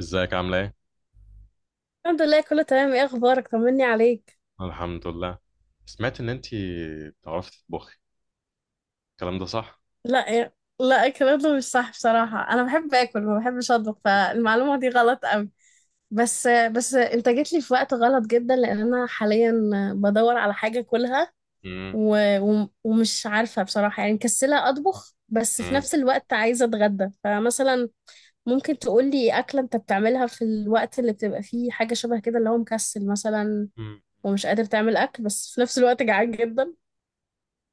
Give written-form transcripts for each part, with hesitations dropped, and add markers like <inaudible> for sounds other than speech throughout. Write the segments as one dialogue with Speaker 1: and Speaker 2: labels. Speaker 1: ازيك؟ عامله ايه؟
Speaker 2: الحمد لله، كله تمام. ايه اخبارك؟ طمني عليك.
Speaker 1: الحمد لله. سمعت ان انتي بتعرفي تطبخي، الكلام ده صح؟
Speaker 2: لا إيه. لا اكله مش صح، بصراحه انا بحب اكل ما بحبش اطبخ، فالمعلومه دي غلط قوي. بس انت جيت لي في وقت غلط جدا، لان انا حاليا بدور على حاجه اكلها.
Speaker 1: امم
Speaker 2: و... و... ومش عارفه بصراحه، يعني مكسله اطبخ بس في
Speaker 1: امم
Speaker 2: نفس الوقت عايزه اتغدى. فمثلا ممكن تقول لي اكله انت بتعملها في الوقت اللي بتبقى فيه حاجه شبه كده، اللي هو مكسل مثلا
Speaker 1: امم.
Speaker 2: ومش قادر تعمل اكل بس في نفس الوقت جعان جدا.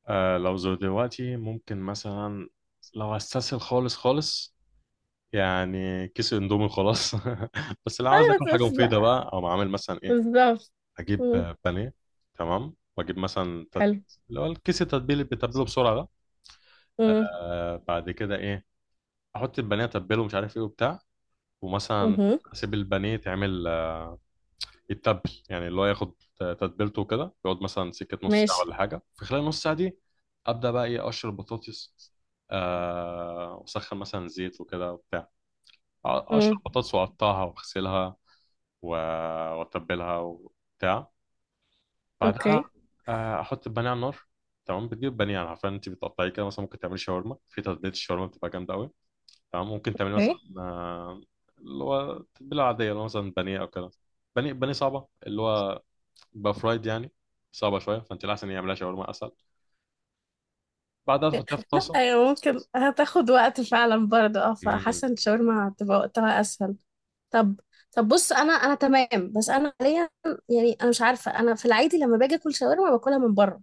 Speaker 1: آه، لو زود دلوقتي ممكن مثلا لو استسهل خالص، يعني كيس اندومي خلاص. <laughs> بس لو عاوز اكل حاجه مفيده
Speaker 2: <laughs>
Speaker 1: بقى او اعمل مثلا ايه،
Speaker 2: بالظبط.
Speaker 1: اجيب
Speaker 2: مم.
Speaker 1: بانيه. تمام، واجيب مثلا
Speaker 2: حلو.
Speaker 1: اللي هو الكيس التتبيل اللي بتتبله بسرعه ده.
Speaker 2: مم.
Speaker 1: آه، بعد كده ايه، احط البانيه اتبله مش عارف ايه وبتاع. ومثلا
Speaker 2: مهم.
Speaker 1: اسيب البانيه تعمل، يتبل يعني اللي هو ياخد تتبيلته وكده، يقعد مثلا سكة نص ساعة
Speaker 2: ماشي.
Speaker 1: ولا حاجة. في خلال نص ساعة دي أبدأ بقى إيه، أقشر البطاطس. وأسخن مثلا زيت وكده وبتاع، أقشر
Speaker 2: مم.
Speaker 1: البطاطس وأقطعها وأغسلها و- وأتبلها وبتاع.
Speaker 2: اوكي.
Speaker 1: بعدها أحط البانيه على النار. تمام، بتجيب بانيه يعني، عارفة أنت بتقطعيه كده، مثلا ممكن تعملي شاورما، في تتبيلة الشاورما بتبقى جامدة أوي. تمام، ممكن تعملي مثلا
Speaker 2: اوكي
Speaker 1: اللي هو تتبيلة عادية اللي هو مثلا بانيه أو كده. بانيه صعبة، اللي هو يبقى فرايد يعني، صعبة شوية، فأنت الأحسن إن يعملها شاورما أسهل. بعدها تحطيها في الطاسة.
Speaker 2: ايوه، ممكن. هتاخد وقت فعلا برضه، اه،
Speaker 1: مم.
Speaker 2: فحاسه ان الشاورما هتبقى وقتها اسهل. طب، طب بص، انا تمام بس انا حاليا يعني انا مش عارفه، انا في العادي لما باجي اكل شاورما باكلها من بره.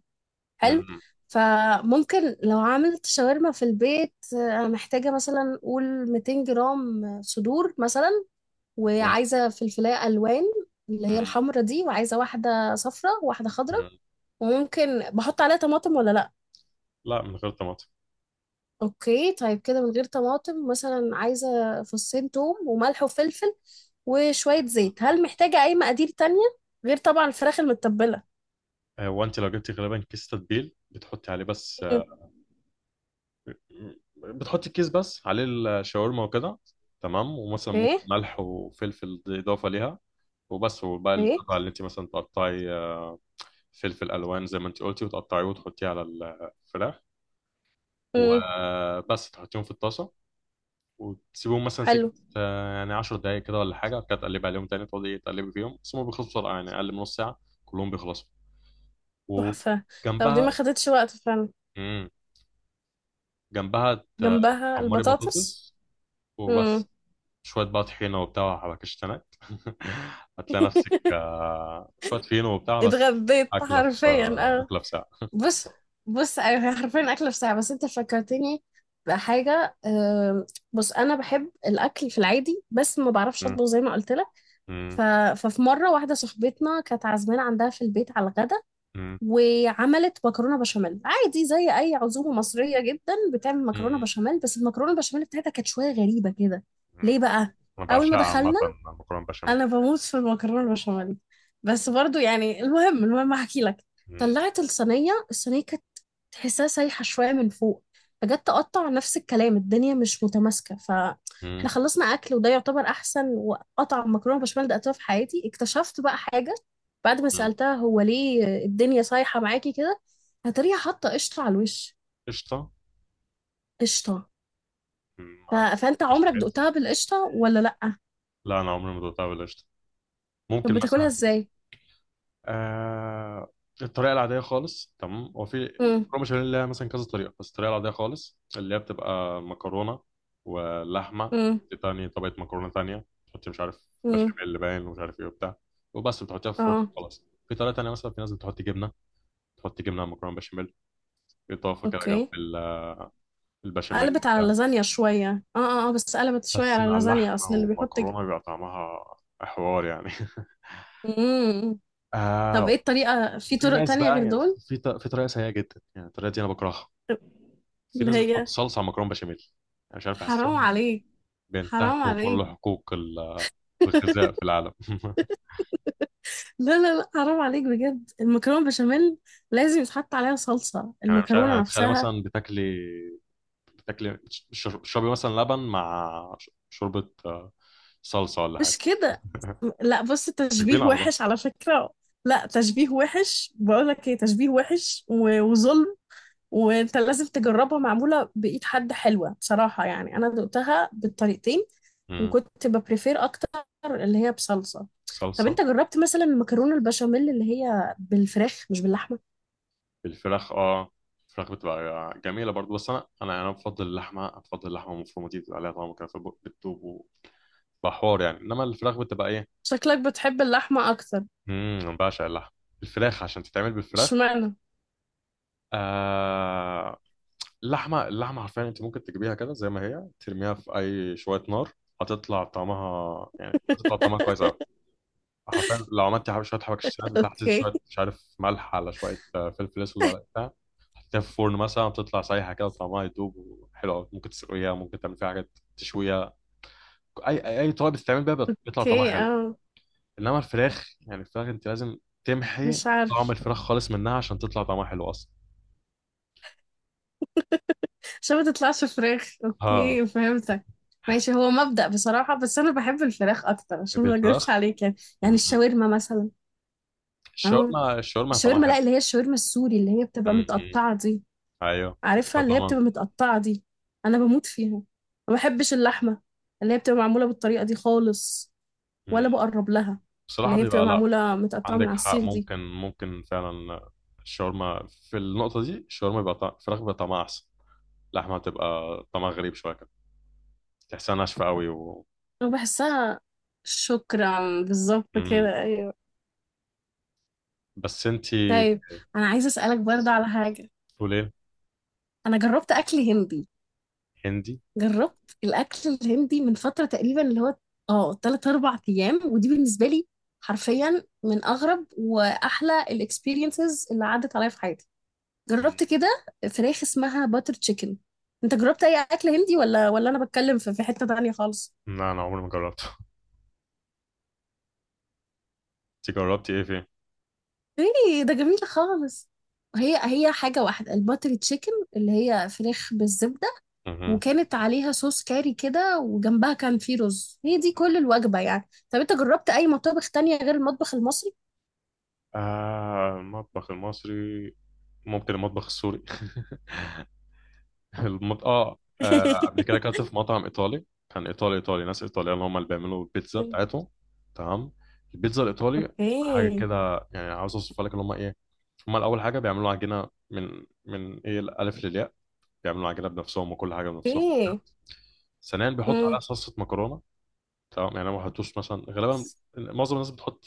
Speaker 2: حلو.
Speaker 1: مم.
Speaker 2: فممكن لو عملت شاورما في البيت، انا محتاجه مثلا قول 200 جرام صدور مثلا،
Speaker 1: مم.
Speaker 2: وعايزة فلفلاية ألوان اللي هي الحمرة دي، وعايزة واحدة صفرة وواحدة خضرة.
Speaker 1: مم.
Speaker 2: وممكن بحط عليها طماطم ولا لأ؟
Speaker 1: لا، من غير طماطم.
Speaker 2: أوكي طيب كده من غير طماطم. مثلا عايزة فصين توم وملح وفلفل وشوية زيت. هل محتاجة أي مقادير تانية غير طبعا الفراخ المتبلة؟
Speaker 1: هو أنت لو جبتي غالبا كيس تتبيل بتحطي عليه بس،
Speaker 2: مم.
Speaker 1: بتحطي كيس بس عليه الشاورما وكده. تمام، ومثلا
Speaker 2: إيه.
Speaker 1: ممكن ملح وفلفل دي إضافة ليها وبس. وبقى
Speaker 2: إيه.
Speaker 1: القطع اللي أنت مثلا تقطعي فلفل ألوان زي ما أنت قلتي، وتقطعيه وتحطيه على الفراخ
Speaker 2: مم.
Speaker 1: وبس، تحطيهم في الطاسة وتسيبهم مثلا سكة
Speaker 2: حلو.
Speaker 1: يعني 10 دقايق كده ولا حاجة، كده تقلب عليهم تاني، تقعدي تقلبي فيهم، بس هم بيخلصوا بسرعة يعني، أقل من نص ساعة كلهم بيخلصوا.
Speaker 2: تحفة. طب دي ما
Speaker 1: وجنبها
Speaker 2: خدتش وقت فعلا.
Speaker 1: مم. جنبها
Speaker 2: جنبها
Speaker 1: تحمري
Speaker 2: البطاطس.
Speaker 1: بطاطس
Speaker 2: مم.
Speaker 1: وبس. شوية بقى طحينة وبتاع وحبكشتنات. <laughs> هتلاقي نفسك
Speaker 2: <laughs>
Speaker 1: شوية فينو وبتاع بس،
Speaker 2: اتغديت
Speaker 1: أكلة في
Speaker 2: حرفيا، اه.
Speaker 1: أكلة في ساعة. <laughs>
Speaker 2: بص، بص ايوه، هي حرفيا اكله في ساعه. بس انت فكرتني بحاجه. بص انا بحب الاكل في العادي بس ما بعرفش
Speaker 1: مم.
Speaker 2: اطبخ زي ما قلت لك.
Speaker 1: مم.
Speaker 2: ف... ففي مره واحده صاحبتنا كانت عازمانه عندها في البيت على الغدا،
Speaker 1: مم.
Speaker 2: وعملت مكرونه بشاميل عادي، زي اي عزومه مصريه جدا بتعمل مكرونه
Speaker 1: مم.
Speaker 2: بشاميل، بس المكرونه البشاميل بتاعتها كانت شويه غريبه كده. ليه
Speaker 1: مم.
Speaker 2: بقى؟
Speaker 1: أنا
Speaker 2: اول ما
Speaker 1: بعشقها عامة،
Speaker 2: دخلنا،
Speaker 1: المكرونة بشاميل.
Speaker 2: انا بموت في المكرونه البشاميل، بس برضو يعني، المهم احكي لك.
Speaker 1: مم.
Speaker 2: طلعت الصينيه، الصينيه كانت تحسها سايحه شويه من فوق، فجت تقطع نفس الكلام، الدنيا مش متماسكه.
Speaker 1: مم.
Speaker 2: فاحنا خلصنا اكل وده يعتبر احسن وقطع مكرونه بشاميل دقتها في حياتي. اكتشفت بقى حاجه بعد ما
Speaker 1: مم.
Speaker 2: سالتها، هو ليه الدنيا صايحه معاكي كده؟ هتريها حاطه قشطه على الوش.
Speaker 1: قشطة؟
Speaker 2: قشطه.
Speaker 1: مم.
Speaker 2: ف...
Speaker 1: مع
Speaker 2: فانت عمرك
Speaker 1: البشاميل؟
Speaker 2: دقتها بالقشطه ولا لا؟
Speaker 1: لا، انا عمري ما دقتها بالقشطه.
Speaker 2: طب
Speaker 1: ممكن
Speaker 2: بتاكلها
Speaker 1: مثلا
Speaker 2: ازاي؟
Speaker 1: آه، الطريقه العاديه خالص. تمام، هو في
Speaker 2: امم
Speaker 1: مكرونه بشاميل ليها مثلا كذا طريقه، بس الطريقه العاديه خالص اللي هي بتبقى مكرونه ولحمه،
Speaker 2: امم.
Speaker 1: تاني طبقه مكرونه تانية، تحطي مش عارف
Speaker 2: امم.
Speaker 1: بشاميل باين ومش عارف ايه وبتاع وبس، بتحطيها في فرن
Speaker 2: اه.
Speaker 1: خلاص. في طريقه تانية مثلا، في ناس بتحط جبنه، تحط جبنه على مكرونه بشاميل، اضافه كده
Speaker 2: اوكي.
Speaker 1: البشاميل
Speaker 2: قلبت على
Speaker 1: وبتاع.
Speaker 2: لازانيا شوية. اه اه، بس قلبت شوية
Speaker 1: بس
Speaker 2: على
Speaker 1: مع
Speaker 2: لازانيا
Speaker 1: اللحمه
Speaker 2: اصل اللي بيحط
Speaker 1: والمكرونه بيبقى طعمها حوار يعني. <laughs>
Speaker 2: مم. طب ايه
Speaker 1: آه.
Speaker 2: الطريقة؟ في
Speaker 1: في
Speaker 2: طرق
Speaker 1: ناس
Speaker 2: تانية
Speaker 1: بقى
Speaker 2: غير
Speaker 1: يعني،
Speaker 2: دول؟
Speaker 1: في طريقه سيئه جدا، يعني الطريقه دي انا بكرهها، في
Speaker 2: اللي
Speaker 1: ناس بتحط
Speaker 2: هي
Speaker 1: صلصه على مكرونه بشاميل. انا مش عارف، بحسهم
Speaker 2: حرام عليك، حرام
Speaker 1: بينتهكوا كل
Speaker 2: عليك.
Speaker 1: حقوق
Speaker 2: <laughs>
Speaker 1: الغذاء في العالم. <laughs>
Speaker 2: لا لا لا، حرام عليك بجد. المكرونة بشاميل لازم يتحط عليها صلصة
Speaker 1: يعني مش عارف،
Speaker 2: المكرونة
Speaker 1: يعني تخيلي
Speaker 2: نفسها.
Speaker 1: مثلا بتاكلي تشربي مثلا لبن مع شوربه صلصه ولا حاجه،
Speaker 2: مش كده. لا بص،
Speaker 1: مش كبيرين
Speaker 2: تشبيه
Speaker 1: على بعض.
Speaker 2: وحش على فكرة. لا تشبيه وحش، بقولك ايه، تشبيه وحش و- وظلم. وانت لازم تجربها معمولة بإيد حد، حلوة بصراحة. يعني أنا دقتها بالطريقتين،
Speaker 1: مم.
Speaker 2: وكنت ببريفير أكتر اللي هي بصلصة. طب أنت
Speaker 1: صلصه.
Speaker 2: جربت مثلا المكرونة البشاميل اللي هي بالفراخ مش باللحمة؟
Speaker 1: الفراخ؟ اه، الفراخ بتبقى جميله برضو، بس انا يعني انا بفضل اللحمه، بفضل اللحمه المفرومه دي بتبقى عليها طعم كده بتدوب وبحوار يعني، انما الفراخ بتبقى ايه.
Speaker 2: شكلك بتحب اللحمة أكتر.
Speaker 1: امم، أنا بعشق اللحم، الفراخ عشان تتعمل بالفراخ
Speaker 2: اشمعنى؟
Speaker 1: آه... اللحمه، اللحمه حرفيا انت ممكن تجيبيها كده زي ما هي، ترميها في اي شويه نار هتطلع طعمها، يعني
Speaker 2: <laughs>
Speaker 1: هتطلع طعمها كويس قوي. حرفيا لو عملتي شويه حبشتكنات بتاعتي،
Speaker 2: اوكي.
Speaker 1: شويه مش عارف ملح على شويه فلفل اسود على بتاع، حطيتها في الفرن مثلا بتطلع سايحه كده وطعمها يدوب وحلو قوي. ممكن تسلقيها، ممكن تعمل فيها حاجات، تشويها، اي اي، أي طبق بتتعمل بيها بيطلع طعمها
Speaker 2: اوكي.
Speaker 1: حلو.
Speaker 2: اه.
Speaker 1: انما الفراخ يعني، الفراخ انت لازم تمحي
Speaker 2: مش
Speaker 1: طعم
Speaker 2: عارف.
Speaker 1: الفراخ خالص منها عشان تطلع طعمها حلو اصلا.
Speaker 2: عشان ما تطلعش فراخ.
Speaker 1: ها،
Speaker 2: اوكي، فهمتك. ماشي، هو مبدأ بصراحة، بس انا بحب الفراخ اكتر عشان
Speaker 1: تحب
Speaker 2: ما اكذبش
Speaker 1: الفراخ؟
Speaker 2: عليك يعني.
Speaker 1: م-
Speaker 2: يعني
Speaker 1: م.
Speaker 2: الشاورما مثلا. اه،
Speaker 1: الشاورما، الشاورما طعمها
Speaker 2: الشاورما.
Speaker 1: حلو.
Speaker 2: لا، اللي هي الشاورما السوري، اللي هي
Speaker 1: م-
Speaker 2: بتبقى
Speaker 1: م.
Speaker 2: متقطعة دي.
Speaker 1: ايوه
Speaker 2: عارفها، اللي هي
Speaker 1: طبعا.
Speaker 2: بتبقى متقطعة دي. أنا بموت فيها. ما بحبش اللحمة اللي هي بتبقى معمولة بالطريقة دي خالص،
Speaker 1: م.
Speaker 2: ولا بقرب لها.
Speaker 1: بصراحه
Speaker 2: اللي هي بتبقى
Speaker 1: بيبقى لا.
Speaker 2: معمولة متقطعة من
Speaker 1: عندك
Speaker 2: على
Speaker 1: حق،
Speaker 2: السيخ دي.
Speaker 1: ممكن فعلا الشاورما، في النقطه دي الشاورما بيبقى طعم الفراخ بيبقى طعمها احسن، اللحمه بتبقى طعمها غريب شويه كده، تحسها ناشفه قوي و...
Speaker 2: أنا بحسها. شكرا،
Speaker 1: م-
Speaker 2: بالظبط
Speaker 1: م.
Speaker 2: كده، أيوه.
Speaker 1: بس انت
Speaker 2: طيب، أنا عايزة أسألك برضه على حاجة.
Speaker 1: تقول ايه؟
Speaker 2: أنا جربت أكل هندي،
Speaker 1: هندي؟
Speaker 2: جربت الاكل الهندي من فتره تقريبا، اللي هو اه 3 4 ايام. ودي بالنسبه لي حرفيا من اغرب واحلى الاكسبيرينسز اللي عدت عليا في حياتي.
Speaker 1: م-.
Speaker 2: جربت كده فراخ اسمها باتر تشيكن. انت جربت اي اكل هندي ولا، انا بتكلم في حته تانية خالص؟
Speaker 1: لا، انا عمري ما جربته. <laughs> انت جربتي ايه
Speaker 2: ايه ده جميل خالص. هي حاجه واحده، الباتر تشيكن اللي هي فراخ بالزبده،
Speaker 1: فيه؟
Speaker 2: وكانت عليها صوص كاري كده، وجنبها كان في رز. هي دي كل الوجبة يعني. طب انت جربت اي مطابخ تانية غير المطبخ المصري؟
Speaker 1: آه، المطبخ المصري، ممكن المطبخ السوري. <laughs> اه قبل كده
Speaker 2: <laughs>
Speaker 1: اكلت في مطعم ايطالي، كان ايطالي ايطالي، ناس ايطاليين اللي هم اللي بيعملوا البيتزا بتاعتهم. تمام، البيتزا الايطالي حاجه
Speaker 2: اوكي.
Speaker 1: كده يعني، عاوز اوصفها لك اللي هم ايه. هم الاول حاجه بيعملوا عجينه من ايه، الالف للياء، بيعملوا عجينه بنفسهم وكل حاجه بنفسهم.
Speaker 2: اوكي.
Speaker 1: ثانيا بيحطوا عليها
Speaker 2: امم.
Speaker 1: صلصه مكرونه. تمام يعني ما بيحطوش مثلا غالبا، معظم الناس بتحط،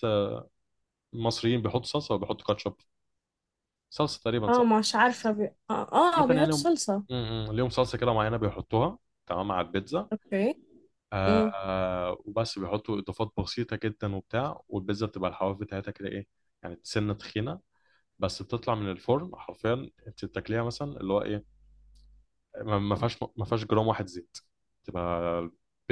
Speaker 1: المصريين بيحطوا صلصه وبيحطوا كاتشب، صلصه تقريبا.
Speaker 2: اه مش عارفة اه اه،
Speaker 1: مثلا يعني
Speaker 2: بيحطوا صلصة.
Speaker 1: م- م. ليهم صلصه كده معينه بيحطوها. تمام، على البيتزا
Speaker 2: اوكي. امم.
Speaker 1: آه، وبس بيحطوا اضافات بسيطه جدا وبتاع، والبيتزا بتبقى الحواف بتاعتها كده ايه، يعني سنه تخينه. بس بتطلع من الفرن حرفيا انت بتاكليها مثلا اللي هو ايه، ما فيهاش جرام واحد زيت. تبقى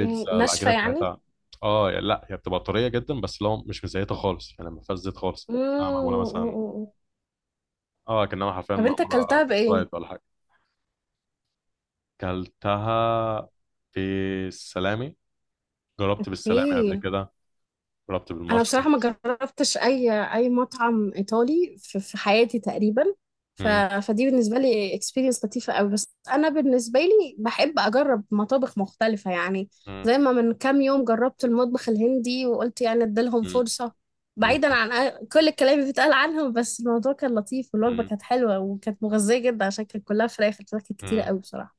Speaker 2: إيه، ناشفة
Speaker 1: العجينه
Speaker 2: يعني.
Speaker 1: بتاعتها اه، يعني لا هي بتبقى طريه جدا بس لو مش مزيته خالص، يعني ما فيهاش زيت خالص، كانها معموله مثلا
Speaker 2: امم.
Speaker 1: اه، كانها حرفيا
Speaker 2: طب انت
Speaker 1: معموله
Speaker 2: اكلتها بايه؟
Speaker 1: فرايد ولا حاجه. كلتها في السلامي، جربت بالسلامي قبل
Speaker 2: اوكي.
Speaker 1: كده، جربت
Speaker 2: انا بصراحه ما
Speaker 1: بالمشرومز.
Speaker 2: جربتش اي مطعم ايطالي في حياتي تقريبا. ف...
Speaker 1: مم.
Speaker 2: فدي بالنسبه لي اكسبيرينس لطيفه قوي، بس انا بالنسبه لي بحب اجرب مطابخ مختلفه يعني.
Speaker 1: مم.
Speaker 2: زي ما من كام يوم جربت المطبخ الهندي وقلت يعني اديلهم
Speaker 1: مم.
Speaker 2: فرصه،
Speaker 1: مم.
Speaker 2: بعيدا عن كل الكلام اللي بيتقال عنهم. بس الموضوع كان لطيف والوجبه
Speaker 1: مم.
Speaker 2: كانت حلوه وكانت مغذيه جدا عشان كانت كلها فراخ. الفراخ كانت كتير
Speaker 1: مم.
Speaker 2: قوي بصراحه.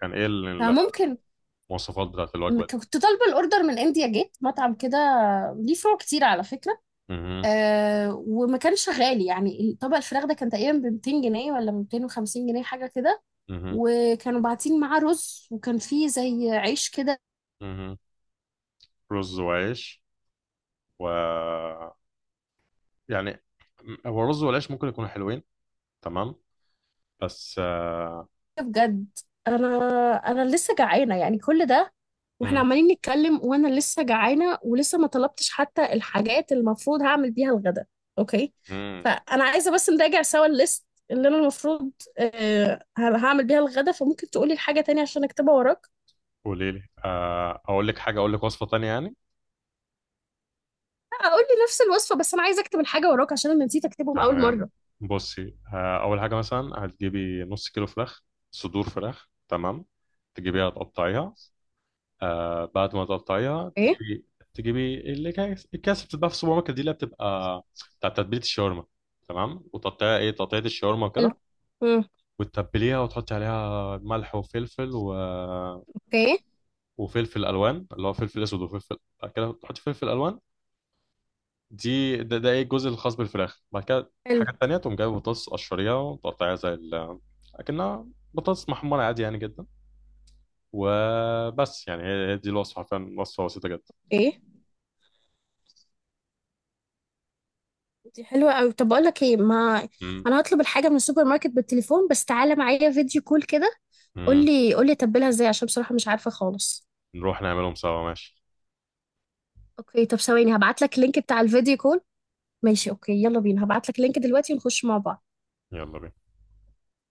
Speaker 1: كان ايه
Speaker 2: فممكن،
Speaker 1: المواصفات بتاعت الوجبة دي؟
Speaker 2: كنت طالبه الاوردر من انديا جيت، مطعم كده ليه فروع كتير على فكره،
Speaker 1: مم.
Speaker 2: آه، وما كانش غالي يعني. طبق الفراخ ده كان تقريبا ب 200 جنيه ولا ب 250 جنيه، حاجه كده.
Speaker 1: مم.
Speaker 2: وكانوا باعتين معاه رز، وكان فيه زي عيش كده.
Speaker 1: مم. رز وعيش و... يعني هو الرز والعيش ممكن يكونوا حلوين، تمام، بس آه،.
Speaker 2: بجد، انا انا لسه جعانه يعني. كل ده واحنا
Speaker 1: مم.
Speaker 2: عمالين نتكلم وانا لسه جعانه، ولسه ما طلبتش حتى الحاجات اللي المفروض هعمل بيها الغدا. اوكي.
Speaker 1: مم.
Speaker 2: فانا عايزه بس نراجع سوا الليست اللي انا المفروض آه هعمل بيها الغدا. فممكن تقولي الحاجه تانية عشان اكتبها وراك؟
Speaker 1: قولي لي آه، اقول لك حاجة، اقول لك وصفة تانية يعني.
Speaker 2: اقول لي نفس الوصفه، بس انا عايزه اكتب الحاجه وراك عشان انا نسيت اكتبهم اول
Speaker 1: تمام،
Speaker 2: مره.
Speaker 1: بصي آه، اول حاجة مثلا هتجيبي نص كيلو فراخ، صدور فراخ. تمام، تجيبيها تقطعيها، آه بعد ما تقطعيها
Speaker 2: ايه.
Speaker 1: تجيبي اللي كان الكاس بتتباع في السوبر ماركت دي، اللي بتبقى بتاع تتبيله الشاورما. تمام، وتقطعيها ايه، تقطيعه الشاورما
Speaker 2: حلو.
Speaker 1: وكده،
Speaker 2: امم.
Speaker 1: وتتبليها وتحطي عليها ملح وفلفل و...
Speaker 2: اوكي.
Speaker 1: وفلفل الوان، اللي هو فلفل اسود وفلفل، بعد كده تحطي فلفل الوان. ده ايه الجزء الخاص بالفراخ. بعد كده
Speaker 2: حلو.
Speaker 1: حاجات تانية، تقوم جايبه بطاطس، قشريها وتقطعيها زي ال... اكنها بطاطس محمرة عادي يعني جدا. وبس، يعني هي دي الوصفة فعلا، وصفة بسيطة جدا.
Speaker 2: ايه. دي حلوه قوي. طب اقول لك ايه، ما انا هطلب الحاجه من السوبر ماركت بالتليفون، بس تعالى معايا فيديو كول كده. قول
Speaker 1: مم.
Speaker 2: لي قول لي اتبلها ازاي عشان بصراحه مش عارفه خالص.
Speaker 1: نروح نعملهم سوا، ماشي،
Speaker 2: اوكي طب ثواني، هبعت لك اللينك بتاع الفيديو كول. ماشي، اوكي، يلا بينا. هبعت لك اللينك دلوقتي ونخش مع بعض.
Speaker 1: يلا بينا